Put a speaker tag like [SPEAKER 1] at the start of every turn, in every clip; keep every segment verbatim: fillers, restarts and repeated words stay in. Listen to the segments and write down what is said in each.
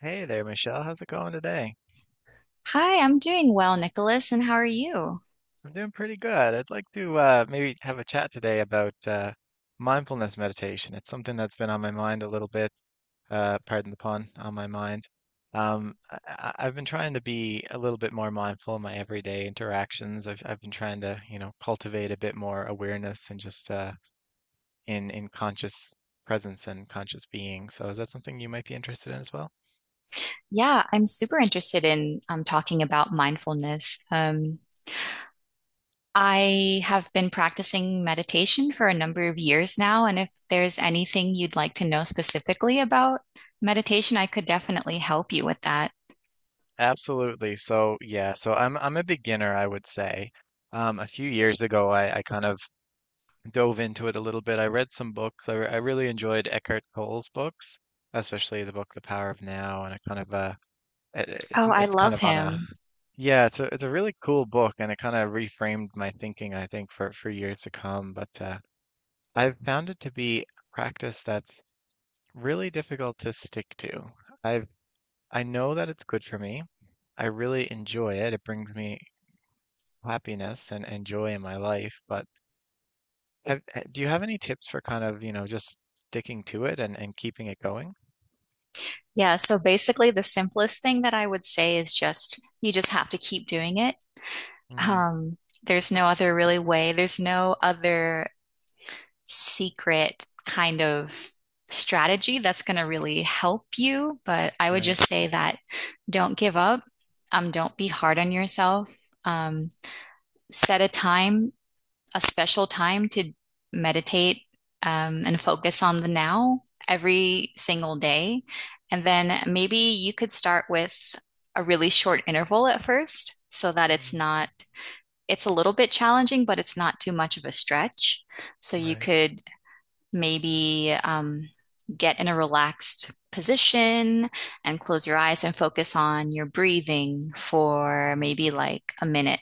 [SPEAKER 1] Hey there, Michelle. How's it going today?
[SPEAKER 2] Hi, I'm doing well, Nicholas, and how are you?
[SPEAKER 1] I'm doing pretty good. I'd like to uh, maybe have a chat today about uh, mindfulness meditation. It's something that's been on my mind a little bit, uh, pardon the pun, on my mind. Um, I, I- I've been trying to be a little bit more mindful in my everyday interactions. I've I've been trying to, you know, cultivate a bit more awareness and just uh, in in conscious presence and conscious being. So is that something you might be interested in as well?
[SPEAKER 2] Yeah, I'm super interested in um, talking about mindfulness. Um, I have been practicing meditation for a number of years now, and if there's anything you'd like to know specifically about meditation, I could definitely help you with that.
[SPEAKER 1] Absolutely. So yeah, so I'm I'm a beginner, I would say. Um, a few years ago, I, I kind of dove into it a little bit. I read some books. I, re- I really enjoyed Eckhart Tolle's books, especially the book The Power of Now, and it kind of uh, it, it- it's
[SPEAKER 2] Oh,
[SPEAKER 1] an,
[SPEAKER 2] I
[SPEAKER 1] it's kind
[SPEAKER 2] love
[SPEAKER 1] of on a
[SPEAKER 2] him.
[SPEAKER 1] yeah, it's a it's a really cool book, and it kind of reframed my thinking, I think, for for years to come. But uh, I've found it to be a practice that's really difficult to stick to. I've I know that it's good for me. I really enjoy it. It brings me happiness and, and joy in my life. But have, ha- do you have any tips for kind of, you know, just sticking to it and, and keeping it going?
[SPEAKER 2] Yeah, so basically, the simplest thing that I would say is just you just have to keep doing it.
[SPEAKER 1] Mm,
[SPEAKER 2] Um, there's no other really way. There's no other secret kind of strategy that's going to really help you. But I would
[SPEAKER 1] right.
[SPEAKER 2] just say that don't give up. Um, don't be hard on yourself. Um, Set a time, a special time to meditate um, and focus on the now every single day. And then maybe you could start with a really short interval at first so that it's
[SPEAKER 1] Mm,
[SPEAKER 2] not, it's a little bit challenging, but it's not too much of a stretch. So you
[SPEAKER 1] right.
[SPEAKER 2] could maybe um, get in a relaxed position and close your eyes and focus on your breathing for
[SPEAKER 1] Mm,
[SPEAKER 2] maybe like a minute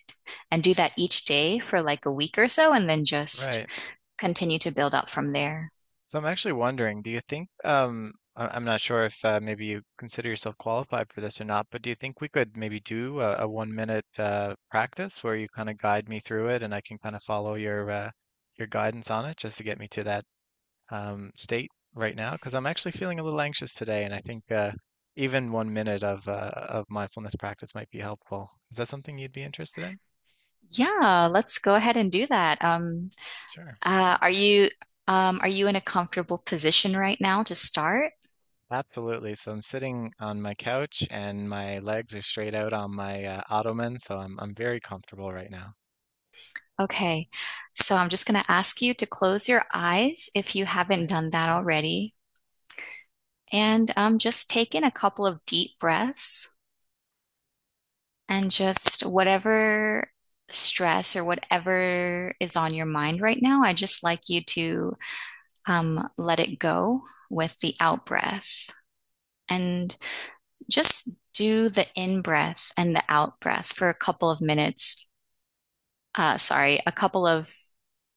[SPEAKER 2] and do that each day for like a week or so and then just
[SPEAKER 1] right.
[SPEAKER 2] continue to build up from there.
[SPEAKER 1] So I'm actually wondering, do you think, um, I- I'm not sure if uh, maybe you consider yourself qualified for this or not, but do you think we could maybe do a, a one minute uh, practice where you kind of guide me through it and I can kind of follow your uh, your guidance on it just to get me to that um, state right now because I'm actually feeling a little anxious today, and I think uh, even one minute of uh, of mindfulness practice might be helpful. Is that something you'd be interested in?
[SPEAKER 2] Yeah, let's go ahead and do that. Um,
[SPEAKER 1] Sure.
[SPEAKER 2] uh, are you um, are you in a comfortable position right now to start?
[SPEAKER 1] Absolutely. So I'm sitting on my couch and my legs are straight out on my uh, ottoman, so I'm I'm very comfortable right now.
[SPEAKER 2] Okay, so I'm just going to ask you to close your eyes if you haven't
[SPEAKER 1] Okay.
[SPEAKER 2] done that already. And um, just take in a couple of deep breaths and just whatever stress or whatever is on your mind right now, I just like you to um, let it go with the out breath and just do the in breath and the out breath for a couple of minutes. Uh, sorry, a couple of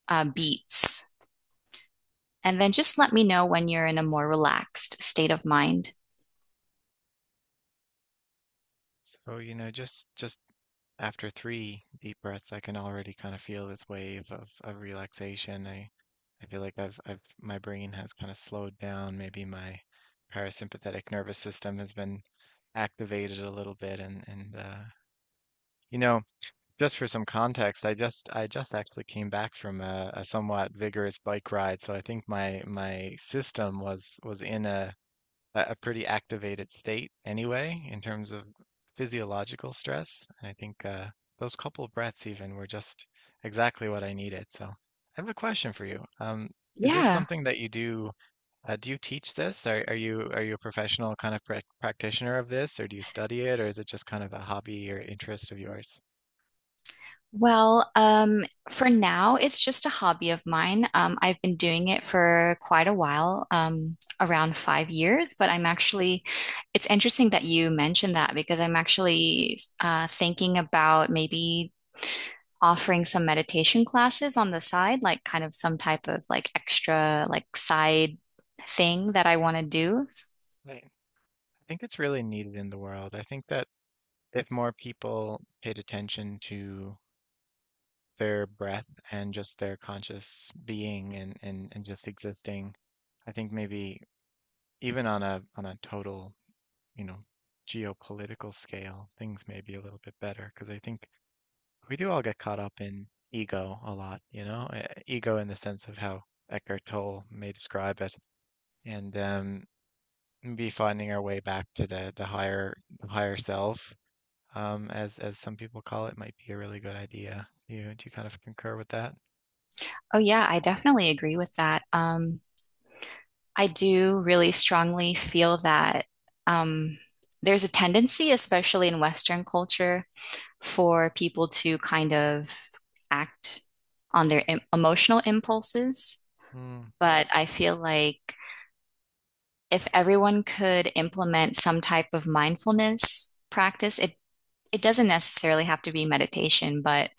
[SPEAKER 2] uh, beats. And then just let me know when you're in a more relaxed state of mind.
[SPEAKER 1] So, you know, just just after three deep breaths, I can already kind of feel this wave of, of relaxation. I I feel like I've I've my brain has kind of slowed down. Maybe my parasympathetic nervous system has been activated a little bit and and uh, you know, just for some context, I just I just actually came back from a, a somewhat vigorous bike ride, so I think my my system was was in a a a pretty activated state anyway in terms of physiological stress. And I think uh, those couple of breaths even were just exactly what I needed. So I have a question for you. Um, is this
[SPEAKER 2] Yeah.
[SPEAKER 1] something that you do? Uh, do you teach this? Are, are you are you a professional kind of prac practitioner of this, or do you study it, or is it just kind of a hobby or interest of yours?
[SPEAKER 2] Well, um, for now, it's just a hobby of mine. Um, I've been doing it for quite a while, um, around five years, but I'm actually, it's interesting that you mentioned that because I'm actually uh, thinking about maybe offering some meditation classes on the side, like kind of some type of like extra, like side thing that I want to do.
[SPEAKER 1] I I think it's really needed in the world. I think that if more people paid attention to their breath and just their conscious being and, and, and just existing. I think maybe even on a on a total, you know, geopolitical scale, things may be a little bit better because I think we do all get caught up in ego a lot, you know, uh, ego in the sense of how Eckhart Tolle may describe it, and um, be finding our way back to the the higher the higher self, um, as as some people call it, might be a really good idea. Do you do you kind of concur with that?
[SPEAKER 2] Oh, yeah, I definitely agree with that. Um, I do really strongly feel that um, there's a tendency, especially in Western culture, for people to kind of act on their em emotional impulses.
[SPEAKER 1] Hmm.
[SPEAKER 2] But I feel like if everyone could implement some type of mindfulness practice, it it doesn't necessarily have to be meditation, but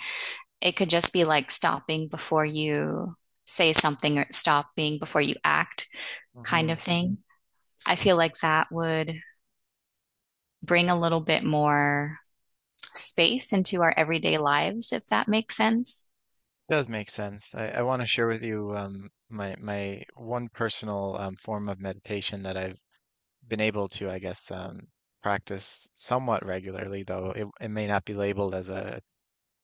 [SPEAKER 2] it could just be like stopping before you say something or stopping before you act kind
[SPEAKER 1] Mm-hmm.
[SPEAKER 2] of thing. I feel like that would bring a little bit more space into our everyday lives, if that makes sense.
[SPEAKER 1] Does make sense. I, I want to share with you um, my my one personal um, form of meditation that I've been able to, I guess, um, practice somewhat regularly, though it, it may not be labeled as a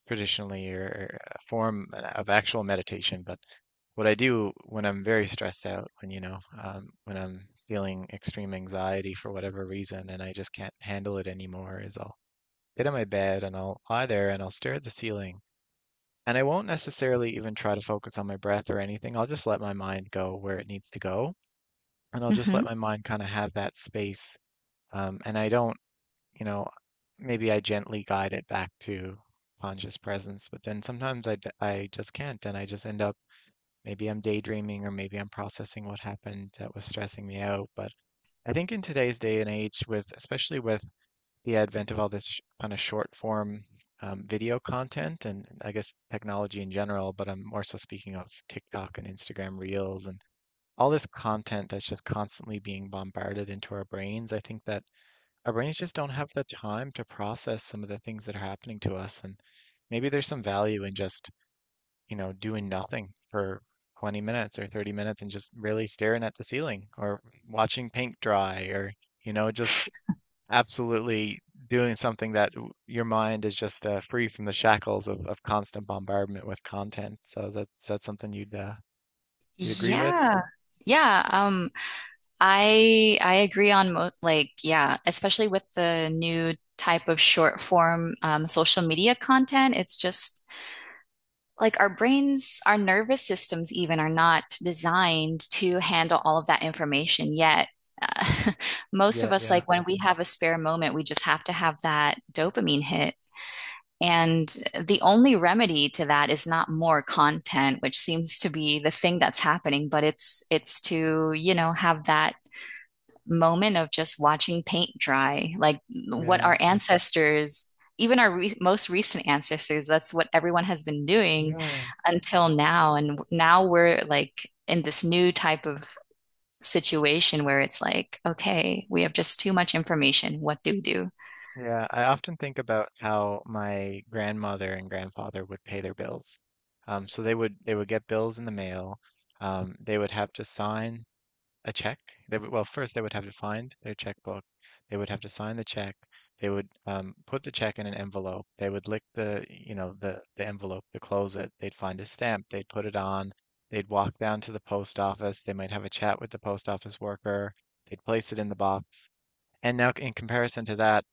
[SPEAKER 1] traditionally or a form of actual meditation. But what I do when I'm very stressed out, when you know, um, when I'm feeling extreme anxiety for whatever reason, and I just can't handle it anymore, is I'll get on my bed and I'll lie there and I'll stare at the ceiling. And I won't necessarily even try to focus on my breath or anything. I'll just let my mind go where it needs to go. And I'll just let
[SPEAKER 2] Hmm.
[SPEAKER 1] my mind kind of have that space. Um, and I don't, you know, maybe I gently guide it back to conscious presence, but then sometimes I, d- I just can't. And I just end up, maybe I'm daydreaming or maybe I'm processing what happened that was stressing me out. But I think in today's day and age, with especially with the advent of all this kind of short form um, video content and I guess technology in general, but I'm more so speaking of TikTok and Instagram Reels and all this content that's just constantly being bombarded into our brains. I think that our brains just don't have the time to process some of the things that are happening to us. And maybe there's some value in just, you know, doing nothing for twenty minutes or thirty minutes and just really staring at the ceiling or watching paint dry or, you know, just absolutely doing something that w- your mind is just uh, free from the shackles of, of constant bombardment with content. So that's that's something you'd uh, you'd agree with?
[SPEAKER 2] Yeah. Yeah, um, I I agree on mo like yeah, especially with the new type of short form um, social media content. It's just like our brains, our nervous systems even are not designed to handle all of that information yet. Uh, Most of
[SPEAKER 1] Yeah,
[SPEAKER 2] us,
[SPEAKER 1] yeah,
[SPEAKER 2] like when we have a spare moment, we just have to have that dopamine hit. And the only remedy to that is not more content, which seems to be the thing that's happening, but it's it's to, you know, have that moment of just watching paint dry, like what
[SPEAKER 1] yeah,
[SPEAKER 2] our ancestors, even our re most recent ancestors, that's what everyone has been doing
[SPEAKER 1] yeah,
[SPEAKER 2] until now. And now we're like in this new type of situation where it's like, okay, we have just too much information. What do we do?
[SPEAKER 1] yeah. I often think about how my grandmother and grandfather would pay their bills. Um, so they would they would get bills in the mail. Um, they would have to sign a check. They would, well, first they would have to find their checkbook. They would have to sign the check. They would um, put the check in an envelope. They would lick the, you know, the the envelope to close it. They'd find a stamp. They'd put it on. They'd walk down to the post office. They might have a chat with the post office worker. They'd place it in the box. And now, in comparison to that,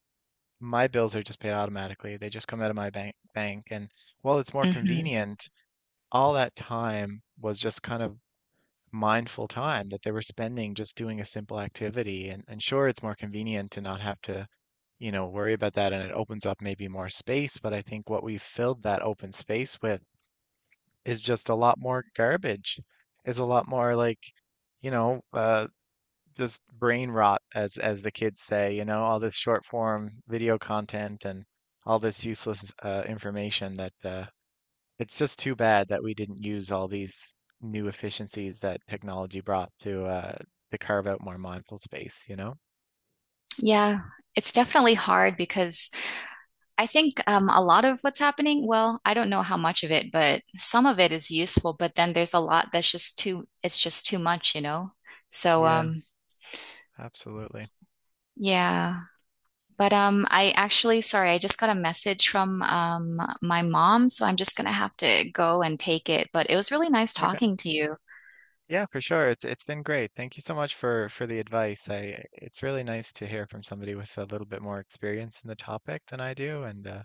[SPEAKER 1] my bills are just paid automatically. They just come out of my bank bank. And while it's more
[SPEAKER 2] Hmm.
[SPEAKER 1] convenient, all that time was just kind of mindful time that they were spending just doing a simple activity. And, and sure, it's more convenient to not have to, you know, worry about that and it opens up maybe more space. But I think what we've filled that open space with is just a lot more garbage, is a lot more like, you know, uh, just brain rot, as as the kids say, you know, all this short form video content and all this useless uh, information that uh, it's just too bad that we didn't use all these new efficiencies that technology brought to uh, to carve out more mindful space, you know?
[SPEAKER 2] Yeah, it's definitely hard because I think um, a lot of what's happening, well, I don't know how much of it, but some of it is useful, but then there's a lot that's just too, it's just too much, you know? So,
[SPEAKER 1] Yeah,
[SPEAKER 2] um,
[SPEAKER 1] absolutely.
[SPEAKER 2] yeah. But um, I actually, sorry, I just got a message from um, my mom, so I'm just gonna have to go and take it. But it was really nice
[SPEAKER 1] Okay.
[SPEAKER 2] talking to you.
[SPEAKER 1] Yeah, for sure. It's it's been great. Thank you so much for for the advice. I it's really nice to hear from somebody with a little bit more experience in the topic than I do, and uh,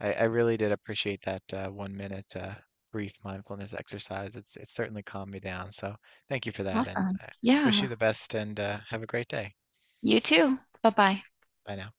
[SPEAKER 1] I I really did appreciate that uh, one minute uh, brief mindfulness exercise. It's it's certainly calmed me down. So thank you for that, and
[SPEAKER 2] Awesome.
[SPEAKER 1] I wish you
[SPEAKER 2] Yeah.
[SPEAKER 1] the best, and uh, have a great day.
[SPEAKER 2] You too. Bye-bye.
[SPEAKER 1] Bye now.